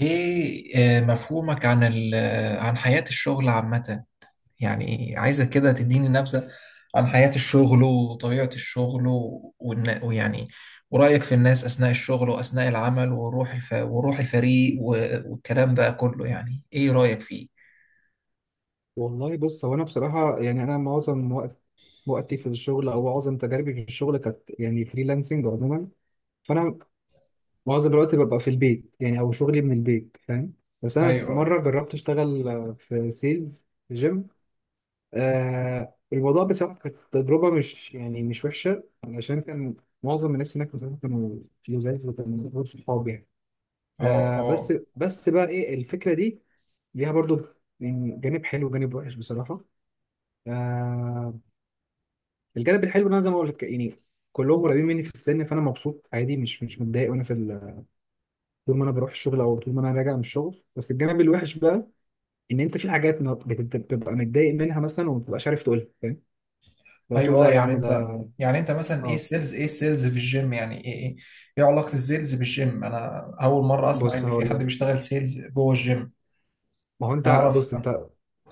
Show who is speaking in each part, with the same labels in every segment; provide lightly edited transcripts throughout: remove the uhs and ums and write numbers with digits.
Speaker 1: ايه آه، مفهومك عن ال آه، عن حياة الشغل عامة، يعني عايزك كده تديني نبذة عن حياة الشغل وطبيعة الشغل و- والن- ويعني ورأيك في الناس أثناء الشغل وأثناء العمل، وروح الفريق والكلام ده كله، يعني ايه رأيك فيه؟
Speaker 2: والله بص هو انا بصراحه يعني انا معظم وقتي في الشغل او معظم تجاربي في الشغل كانت يعني فريلانسنج عموما. فانا معظم الوقت ببقى في البيت يعني او شغلي من البيت فاهم. بس انا
Speaker 1: ايوه،
Speaker 2: مره جربت اشتغل في سيلز في جيم. الموضوع بصراحه كانت تجربه مش وحشه علشان كان معظم الناس هناك بصراحة كانوا لزاز وكانوا غير صحاب يعني.
Speaker 1: اه،
Speaker 2: بس
Speaker 1: اه،
Speaker 2: بس بقى ايه الفكره دي ليها برضو؟ يعني جانب حلو وجانب وحش بصراحه. آه الجانب الحلو ان انا زي ما قلت يعني كلهم قريبين مني في السن، فانا مبسوط عادي مش متضايق وانا طول ما انا بروح الشغل او طول ما انا راجع من الشغل. بس الجانب الوحش بقى ان انت في حاجات ما بتبقى متضايق منها مثلا، وما بتبقاش عارف تقولها فاهم، لو
Speaker 1: ايوه،
Speaker 2: تقول لا
Speaker 1: اه.
Speaker 2: يا
Speaker 1: يعني
Speaker 2: عم ده.
Speaker 1: انت يعني انت مثلا ايه
Speaker 2: اه،
Speaker 1: السيلز ايه السيلز بالجيم، يعني ايه، ايه علاقة السيلز بالجيم؟ انا اول مرة اسمع
Speaker 2: بص
Speaker 1: ان في
Speaker 2: هقول
Speaker 1: حد
Speaker 2: لك.
Speaker 1: بيشتغل سيلز جوه الجيم.
Speaker 2: ما هو
Speaker 1: انا
Speaker 2: انت،
Speaker 1: اعرف.
Speaker 2: بص انت،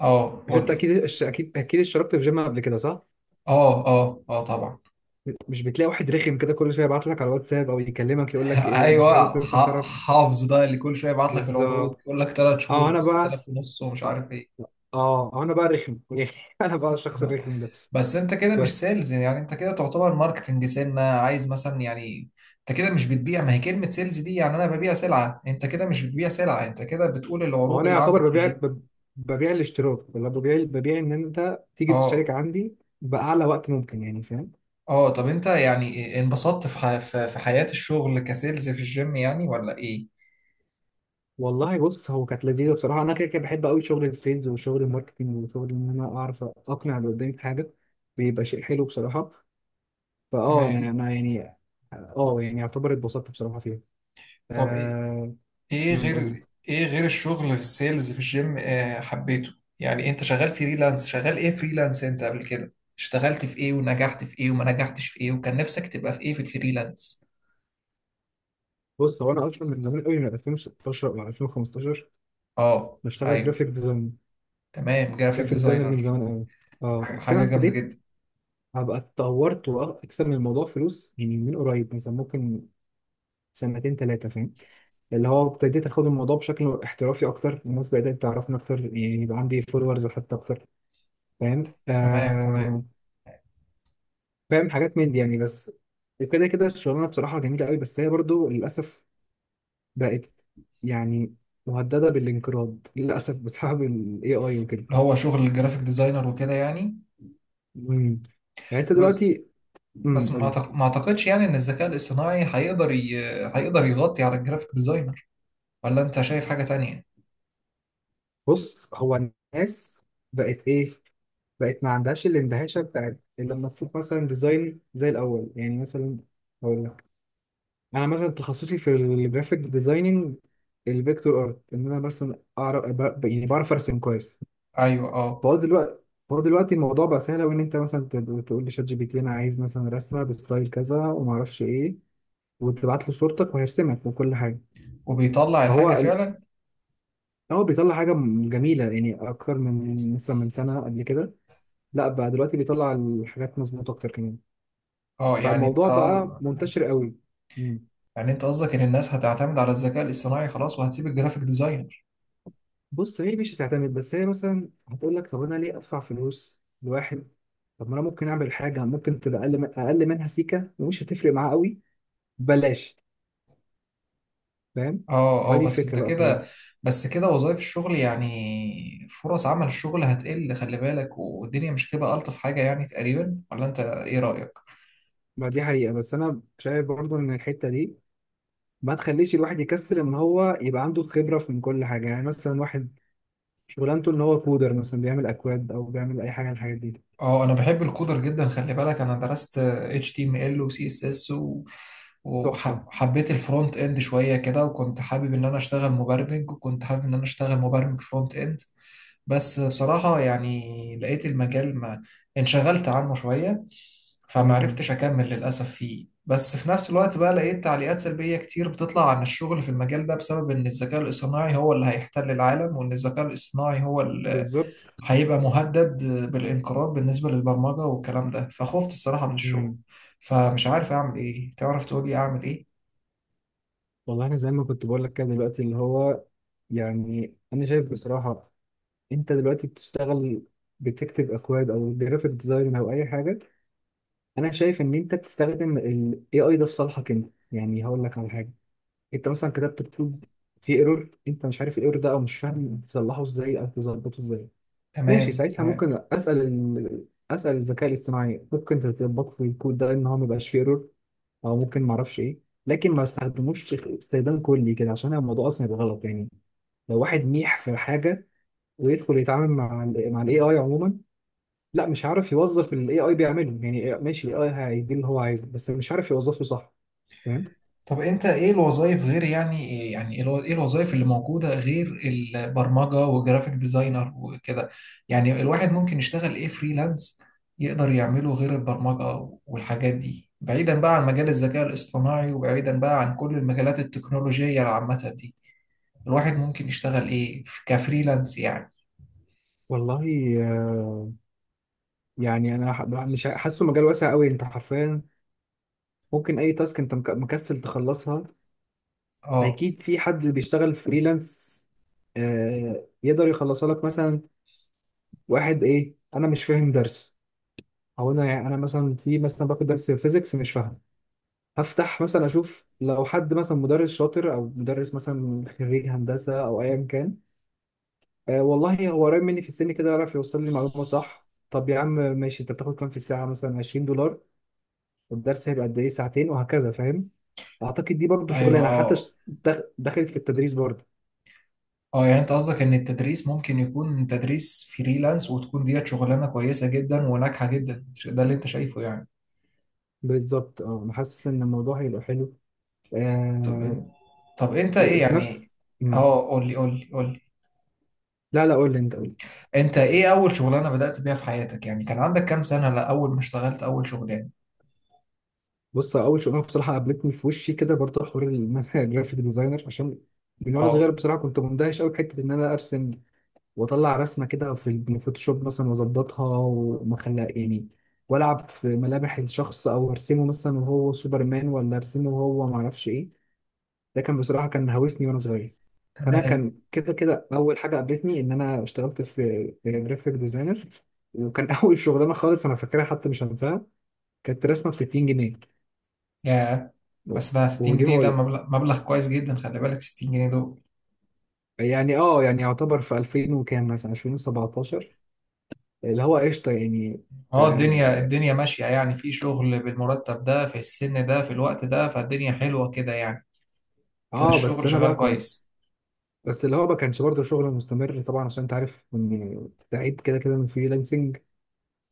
Speaker 1: اه
Speaker 2: مش
Speaker 1: قول
Speaker 2: انت
Speaker 1: لي.
Speaker 2: اكيد الش- اكيد اكيد اشتركت في جيم قبل كده صح؟
Speaker 1: اه، اه، اه، طبعا.
Speaker 2: مش بتلاقي واحد رخم كده كل شويه يبعت لك على الواتساب او يكلمك يقول لك إيه، مش حابب
Speaker 1: ايوه،
Speaker 2: مثلا تعرف.
Speaker 1: حافظ ده اللي كل شويه يبعت لك العروض،
Speaker 2: بالظبط.
Speaker 1: يقول لك 3 شهور
Speaker 2: اه،
Speaker 1: ب 6000 ونص ومش
Speaker 2: اه
Speaker 1: عارف ايه.
Speaker 2: اه انا بقى رخم انا بقى الشخص الرخم ده.
Speaker 1: بس انت كده مش
Speaker 2: بس
Speaker 1: سيلز، يعني انت كده تعتبر ماركتنج، سنه عايز مثلا يعني، انت كده مش بتبيع. ما هي كلمه سيلز دي يعني انا ببيع سلعه، انت كده مش بتبيع سلعه، انت كده بتقول
Speaker 2: ما هو
Speaker 1: العروض
Speaker 2: انا
Speaker 1: اللي عندك
Speaker 2: يعتبر
Speaker 1: في الجيم.
Speaker 2: ببيعك ببيع الاشتراك، ولا ببيع ان انت تيجي تشترك
Speaker 1: اه،
Speaker 2: عندي باعلى وقت ممكن يعني فاهم.
Speaker 1: اه. طب انت يعني انبسطت في حياه الشغل كسيلز في الجيم يعني، ولا ايه؟
Speaker 2: والله بص هو كانت لذيذه بصراحه. انا كده كده بحب قوي شغل السيلز وشغل الماركتنج وشغل ان انا اعرف اقنع اللي قدامي بحاجه، بيبقى شيء حلو بصراحه.
Speaker 1: تمام.
Speaker 2: انا يعني يعتبر اتبسطت بصراحه فيها
Speaker 1: طب
Speaker 2: آه
Speaker 1: ايه
Speaker 2: قول
Speaker 1: غير
Speaker 2: لي.
Speaker 1: ايه غير الشغل في السيلز في الجيم، حبيته. يعني انت شغال ايه فريلانس؟ انت قبل كده اشتغلت في ايه، ونجحت في ايه، وما نجحتش في ايه، وكان نفسك تبقى في ايه في الفريلانس؟
Speaker 2: بص هو انا اصلا من زمان قوي من 2016 او 2015
Speaker 1: اه.
Speaker 2: بشتغل
Speaker 1: ايوه،
Speaker 2: جرافيك ديزاين.
Speaker 1: تمام، جرافيك
Speaker 2: جرافيك ديزاينر من
Speaker 1: ديزاينر.
Speaker 2: زمان قوي. اه
Speaker 1: حاجة
Speaker 2: بس انا
Speaker 1: حاجة جامدة
Speaker 2: ابتديت
Speaker 1: جدا.
Speaker 2: هبقى اتطورت واكسب من الموضوع فلوس يعني من قريب، مثلا ممكن سنتين ثلاثه فاهم، اللي هو ابتديت اخد الموضوع بشكل احترافي اكتر، الناس بدات تعرفني اكتر يعني يبقى عندي فولورز حتى اكتر فاهم.
Speaker 1: تمام، تمام.
Speaker 2: فاهم حاجات من دي يعني بس. وكده كده الشغلانه بصراحه جميله قوي، بس هي برضو للاسف بقت يعني مهدده بالانقراض للاسف بسبب الاي اي وكده.
Speaker 1: اللي هو شغل الجرافيك ديزاينر وكده يعني.
Speaker 2: مم. يعني انت
Speaker 1: بس
Speaker 2: دلوقتي.
Speaker 1: بس
Speaker 2: قول لي.
Speaker 1: ما اعتقدش يعني ان الذكاء الاصطناعي هيقدر يغطي على الجرافيك ديزاينر، ولا انت شايف حاجة تانية؟
Speaker 2: بص، هو الناس بقت ايه بقت ما عندهاش الاندهاشه بتاعت لما تشوف مثلا ديزاين زي الاول يعني. مثلا هقول لك، انا مثلا تخصصي في الجرافيك ديزايننج الفيكتور ارت، ان انا مثلا اعرف ب- يعني بعرف ارسم كويس.
Speaker 1: ايوه، اه.
Speaker 2: فهو دلوقتي فهو دلوقتي الموضوع بقى سهل أوي، إن أنت مثلا تقول لشات جي بي تي أنا عايز مثلا رسمة بستايل كذا وما أعرفش إيه، وتبعت له صورتك وهيرسمك وكل حاجة.
Speaker 1: وبيطلع الحاجة
Speaker 2: فهو ال-
Speaker 1: فعلا؟
Speaker 2: هو بيطلع حاجة جميلة، يعني أكتر من سنة قبل كده. لا، بقى دلوقتي بيطلع الحاجات مظبوطة أكتر كمان.
Speaker 1: اه. يعني انت
Speaker 2: فالموضوع بقى منتشر قوي. مم.
Speaker 1: يعني انت قصدك ان الناس هتعتمد على الذكاء الاصطناعي خلاص وهتسيب الجرافيك ديزاينر؟
Speaker 2: بص، هي مش هتعتمد، بس هي مثلا هتقول لك طب انا ليه ادفع فلوس لواحد؟ طب ما انا ممكن اعمل حاجه ممكن تبقى اقل من اقل منها سيكه، ومش هتفرق معاه قوي. بلاش فاهم
Speaker 1: اه، اه.
Speaker 2: هذه الفكره بقى كلها.
Speaker 1: بس كده وظائف الشغل يعني، فرص عمل الشغل هتقل خلي بالك، والدنيا مش هتبقى الطف حاجة يعني تقريبا، ولا انت ايه رأيك؟
Speaker 2: ما دي حقيقه، بس انا شايف برضو ان الحته دي ما تخليش الواحد يكسر، ان هو يبقى عنده خبره في من كل حاجه. يعني مثلا واحد شغلانته ان هو كودر مثلا بيعمل اكواد او بيعمل اي حاجه من الحاجات دي.
Speaker 1: اه. انا بحب الكودر جدا، خلي بالك، انا درست HTML و CSS، و
Speaker 2: تحفه.
Speaker 1: وحبيت الفرونت اند شوية كده، وكنت حابب ان انا اشتغل مبرمج، وكنت حابب ان انا اشتغل مبرمج فرونت اند. بس بصراحة يعني لقيت المجال ما انشغلت عنه شوية،
Speaker 2: مم.
Speaker 1: فمعرفتش أكمل للأسف فيه. بس في نفس الوقت بقى لقيت تعليقات سلبية كتير بتطلع عن الشغل في المجال ده، بسبب إن الذكاء الاصطناعي هو اللي هيحتل العالم، وإن الذكاء الاصطناعي هو اللي
Speaker 2: بالظبط.
Speaker 1: هيبقى مهدد بالانقراض بالنسبة للبرمجة والكلام ده، فخفت الصراحة من الشغل.
Speaker 2: مم.
Speaker 1: فمش عارف أعمل إيه، تعرف تقولي أعمل إيه؟
Speaker 2: والله انا زي ما كنت بقول لك كده دلوقتي، اللي هو يعني انا شايف بصراحه، انت دلوقتي بتشتغل، بتكتب اكواد او جرافيك ديزاين او اي حاجه، انا شايف ان انت بتستخدم ال AI ده في صالحك انت يعني. هقول لك على حاجه، انت مثلا كتبت كود في ايرور، انت مش عارف الايرور ده او مش فاهم تصلحه ازاي او تظبطه ازاي. ماشي،
Speaker 1: تمام،
Speaker 2: ساعتها
Speaker 1: تمام.
Speaker 2: ممكن اسال الذكاء الاصطناعي ممكن تظبط لي الكود ده ان هو ما يبقاش فيه ايرور، او ممكن ما اعرفش ايه. لكن ما استخدموش استخدام كلي كده عشان الموضوع اصلا يبقى غلط يعني. لو واحد ميح في حاجه ويدخل يتعامل مع الاي اي عموما، لا، مش عارف يوظف الاي اي بيعمله. يعني ماشي، الاي اي هيدي اللي هو عايزه، بس مش عارف يوظفه صح فاهم.
Speaker 1: طب انت ايه الوظائف غير، ايه الوظائف اللي موجودة غير البرمجة وجرافيك ديزاينر وكده؟ يعني الواحد ممكن يشتغل ايه فريلانس، يقدر يعمله غير البرمجة والحاجات دي، بعيدا بقى عن مجال الذكاء الاصطناعي، وبعيدا بقى عن كل المجالات التكنولوجية العامة دي، الواحد ممكن يشتغل ايه كفريلانس يعني؟
Speaker 2: والله آه، يعني انا ح- مش ح- حاسه مجال واسع قوي، انت حرفيا ممكن اي تاسك انت مكسل تخلصها
Speaker 1: اه،
Speaker 2: اكيد في حد بيشتغل فريلانس يقدر يخلصها لك. مثلا واحد، ايه، انا مش فاهم درس، او انا مثلا باخد درس فيزيكس مش فاهم. هفتح مثلا اشوف لو حد مثلا مدرس شاطر، او مدرس مثلا خريج هندسه، او ايا كان. والله هو قريب مني في السن كده يعرف يوصل لي المعلومه صح. طب يا عم ماشي، انت بتاخد كام في الساعه مثلا؟ 20 دولار، والدرس هيبقى قد ايه؟ ساعتين، وهكذا فاهم. اعتقد دي برضو
Speaker 1: ايوه،
Speaker 2: شغلانه، حتى
Speaker 1: اه،
Speaker 2: دخلت في التدريس برضو.
Speaker 1: اه. يعني انت قصدك ان التدريس ممكن يكون تدريس فريلانس، وتكون ديت شغلانة كويسة جدا وناجحة جدا، ده اللي انت شايفه يعني؟
Speaker 2: بالظبط. اه، انا حاسس ان الموضوع هيبقى حلو.
Speaker 1: طب
Speaker 2: آه
Speaker 1: إن... طب انت ايه
Speaker 2: وفي نفس.
Speaker 1: يعني؟
Speaker 2: مم.
Speaker 1: اه، قول لي، قول لي، قول لي.
Speaker 2: لا لا، قول لي انت، قول لي.
Speaker 1: انت ايه اول شغلانه بدأت بيها في حياتك، يعني كان عندك كام سنه، لا اول ما اشتغلت اول شغلانه؟
Speaker 2: بص، اول شغلانه بصراحه قابلتني في وشي كده، برضه حوار ان انا جرافيك ديزاينر، عشان من وانا صغير
Speaker 1: اه،
Speaker 2: بصراحه كنت مندهش قوي بحته ان انا ارسم واطلع رسمه كده في الفوتوشوب مثلا واظبطها وما خليها يعني، والعب في ملامح الشخص، او ارسمه مثلا وهو سوبرمان، ولا ارسمه وهو ما اعرفش ايه. ده كان هوسني وانا صغير. فانا
Speaker 1: تمام.
Speaker 2: كان كده كده اول حاجه قابلتني ان انا اشتغلت في جرافيك ديزاينر. وكان اول شغلانه خالص انا فاكرها حتى مش هنساها، كانت رسمه ب 60 جنيه.
Speaker 1: يا، بس ده 60
Speaker 2: ودي
Speaker 1: جنيه ده
Speaker 2: بقول
Speaker 1: مبلغ مبلغ كويس جدا، خلي بالك 60 جنيه دول.
Speaker 2: يعني يعني يعتبر في 2000 وكام، مثلا 2017، اللي هو قشطه يعني.
Speaker 1: اه. الدنيا
Speaker 2: اه
Speaker 1: الدنيا ماشيه يعني، في شغل بالمرتب ده في السن ده في الوقت ده، فالدنيا حلوه كده يعني، كده
Speaker 2: بس
Speaker 1: الشغل
Speaker 2: انا
Speaker 1: شغال
Speaker 2: بقى كنت.
Speaker 1: كويس.
Speaker 2: بس اللي هو ما كانش برضه شغل مستمر طبعا، عشان انت عارف ان تعيد كده كده من فريلانسنج،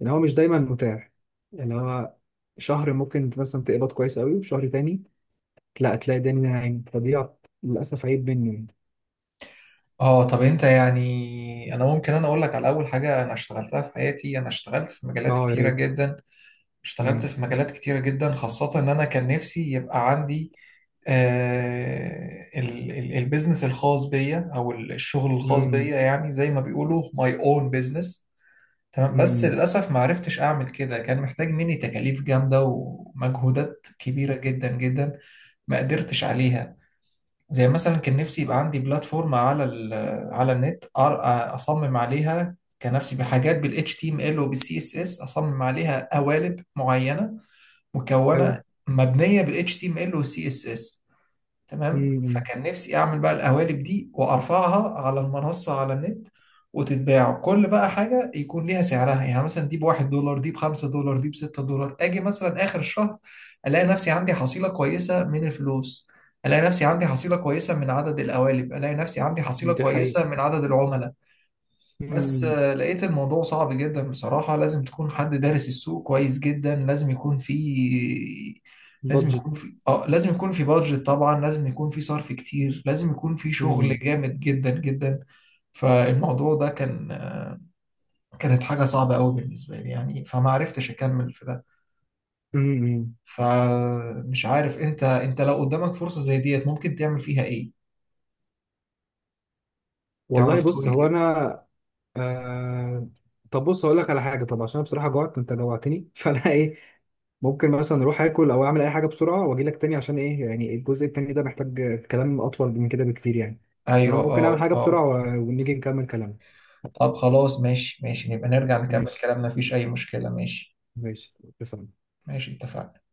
Speaker 2: ان هو مش دايما متاح يعني. هو شهر ممكن مثلا تقبض كويس قوي، وشهر تاني لا تلاقي الدنيا ناعم، فدي للاسف عيب مني يعني.
Speaker 1: اه. طب انت يعني، انا ممكن اقول لك على اول حاجه انا اشتغلتها في حياتي، انا اشتغلت في مجالات
Speaker 2: اه، يا
Speaker 1: كتيره
Speaker 2: ريت.
Speaker 1: جدا، اشتغلت
Speaker 2: امم.
Speaker 1: في مجالات كتيرة جدا، خاصة إن أنا كان نفسي يبقى عندي البيزنس الخاص بيا، أو الشغل الخاص بيا،
Speaker 2: امم.
Speaker 1: يعني زي ما بيقولوا my own business. تمام. بس
Speaker 2: امم.
Speaker 1: للأسف ما عرفتش أعمل كده، كان محتاج مني تكاليف جامدة ومجهودات كبيرة جدا جدا، ما قدرتش عليها. زي مثلا كان نفسي يبقى عندي بلاتفورم على النت، اصمم عليها. كان نفسي بحاجات بال HTML وبال CSS، اصمم عليها قوالب معينة،
Speaker 2: حلو.
Speaker 1: مكونه مبنيه بال HTML وال CSS. تمام،
Speaker 2: امم.
Speaker 1: فكان نفسي اعمل بقى القوالب دي وارفعها على المنصه على النت، وتتباع. كل بقى حاجه يكون ليها سعرها، يعني مثلا دي ب1 دولار، دي ب5 دولار، دي ب6 دولار، اجي مثلا اخر الشهر الاقي نفسي عندي حصيله كويسه من الفلوس، الاقي نفسي عندي حصيله كويسه من عدد القوالب، الاقي نفسي عندي حصيله
Speaker 2: دي حقيقة.
Speaker 1: كويسه من عدد العملاء. بس
Speaker 2: امم.
Speaker 1: لقيت الموضوع صعب جدا بصراحة، لازم تكون حد دارس السوق كويس جدا،
Speaker 2: بادجت.
Speaker 1: لازم يكون في بادجت طبعا، لازم يكون في صرف كتير، لازم يكون في شغل
Speaker 2: امم.
Speaker 1: جامد جدا جدا. فالموضوع ده كانت حاجة صعبة قوي بالنسبة لي يعني، فما عرفتش أكمل في ده.
Speaker 2: امم.
Speaker 1: فمش عارف، انت لو قدامك فرصة زي ديت، ممكن تعمل فيها ايه؟
Speaker 2: والله
Speaker 1: تعرف
Speaker 2: بص
Speaker 1: تقولي
Speaker 2: هو
Speaker 1: كده.
Speaker 2: انا آه... طب، بص هقول لك على حاجه. طب عشان أنا بصراحه جوعت، انت جوعتني فانا ايه، ممكن مثلا اروح اكل او اعمل اي حاجه بسرعه واجي لك تاني، عشان ايه يعني الجزء التاني ده محتاج كلام اطول من كده بكتير يعني. فانا
Speaker 1: ايوه،
Speaker 2: ممكن اعمل
Speaker 1: اه،
Speaker 2: حاجه
Speaker 1: اه.
Speaker 2: بسرعه ونيجي نكمل كلامنا.
Speaker 1: طب خلاص، ماشي، ماشي، نبقى نرجع نكمل
Speaker 2: ماشي.
Speaker 1: كلامنا، مفيش اي مشكلة. ماشي،
Speaker 2: ماشي اتفقنا.
Speaker 1: ماشي، اتفقنا.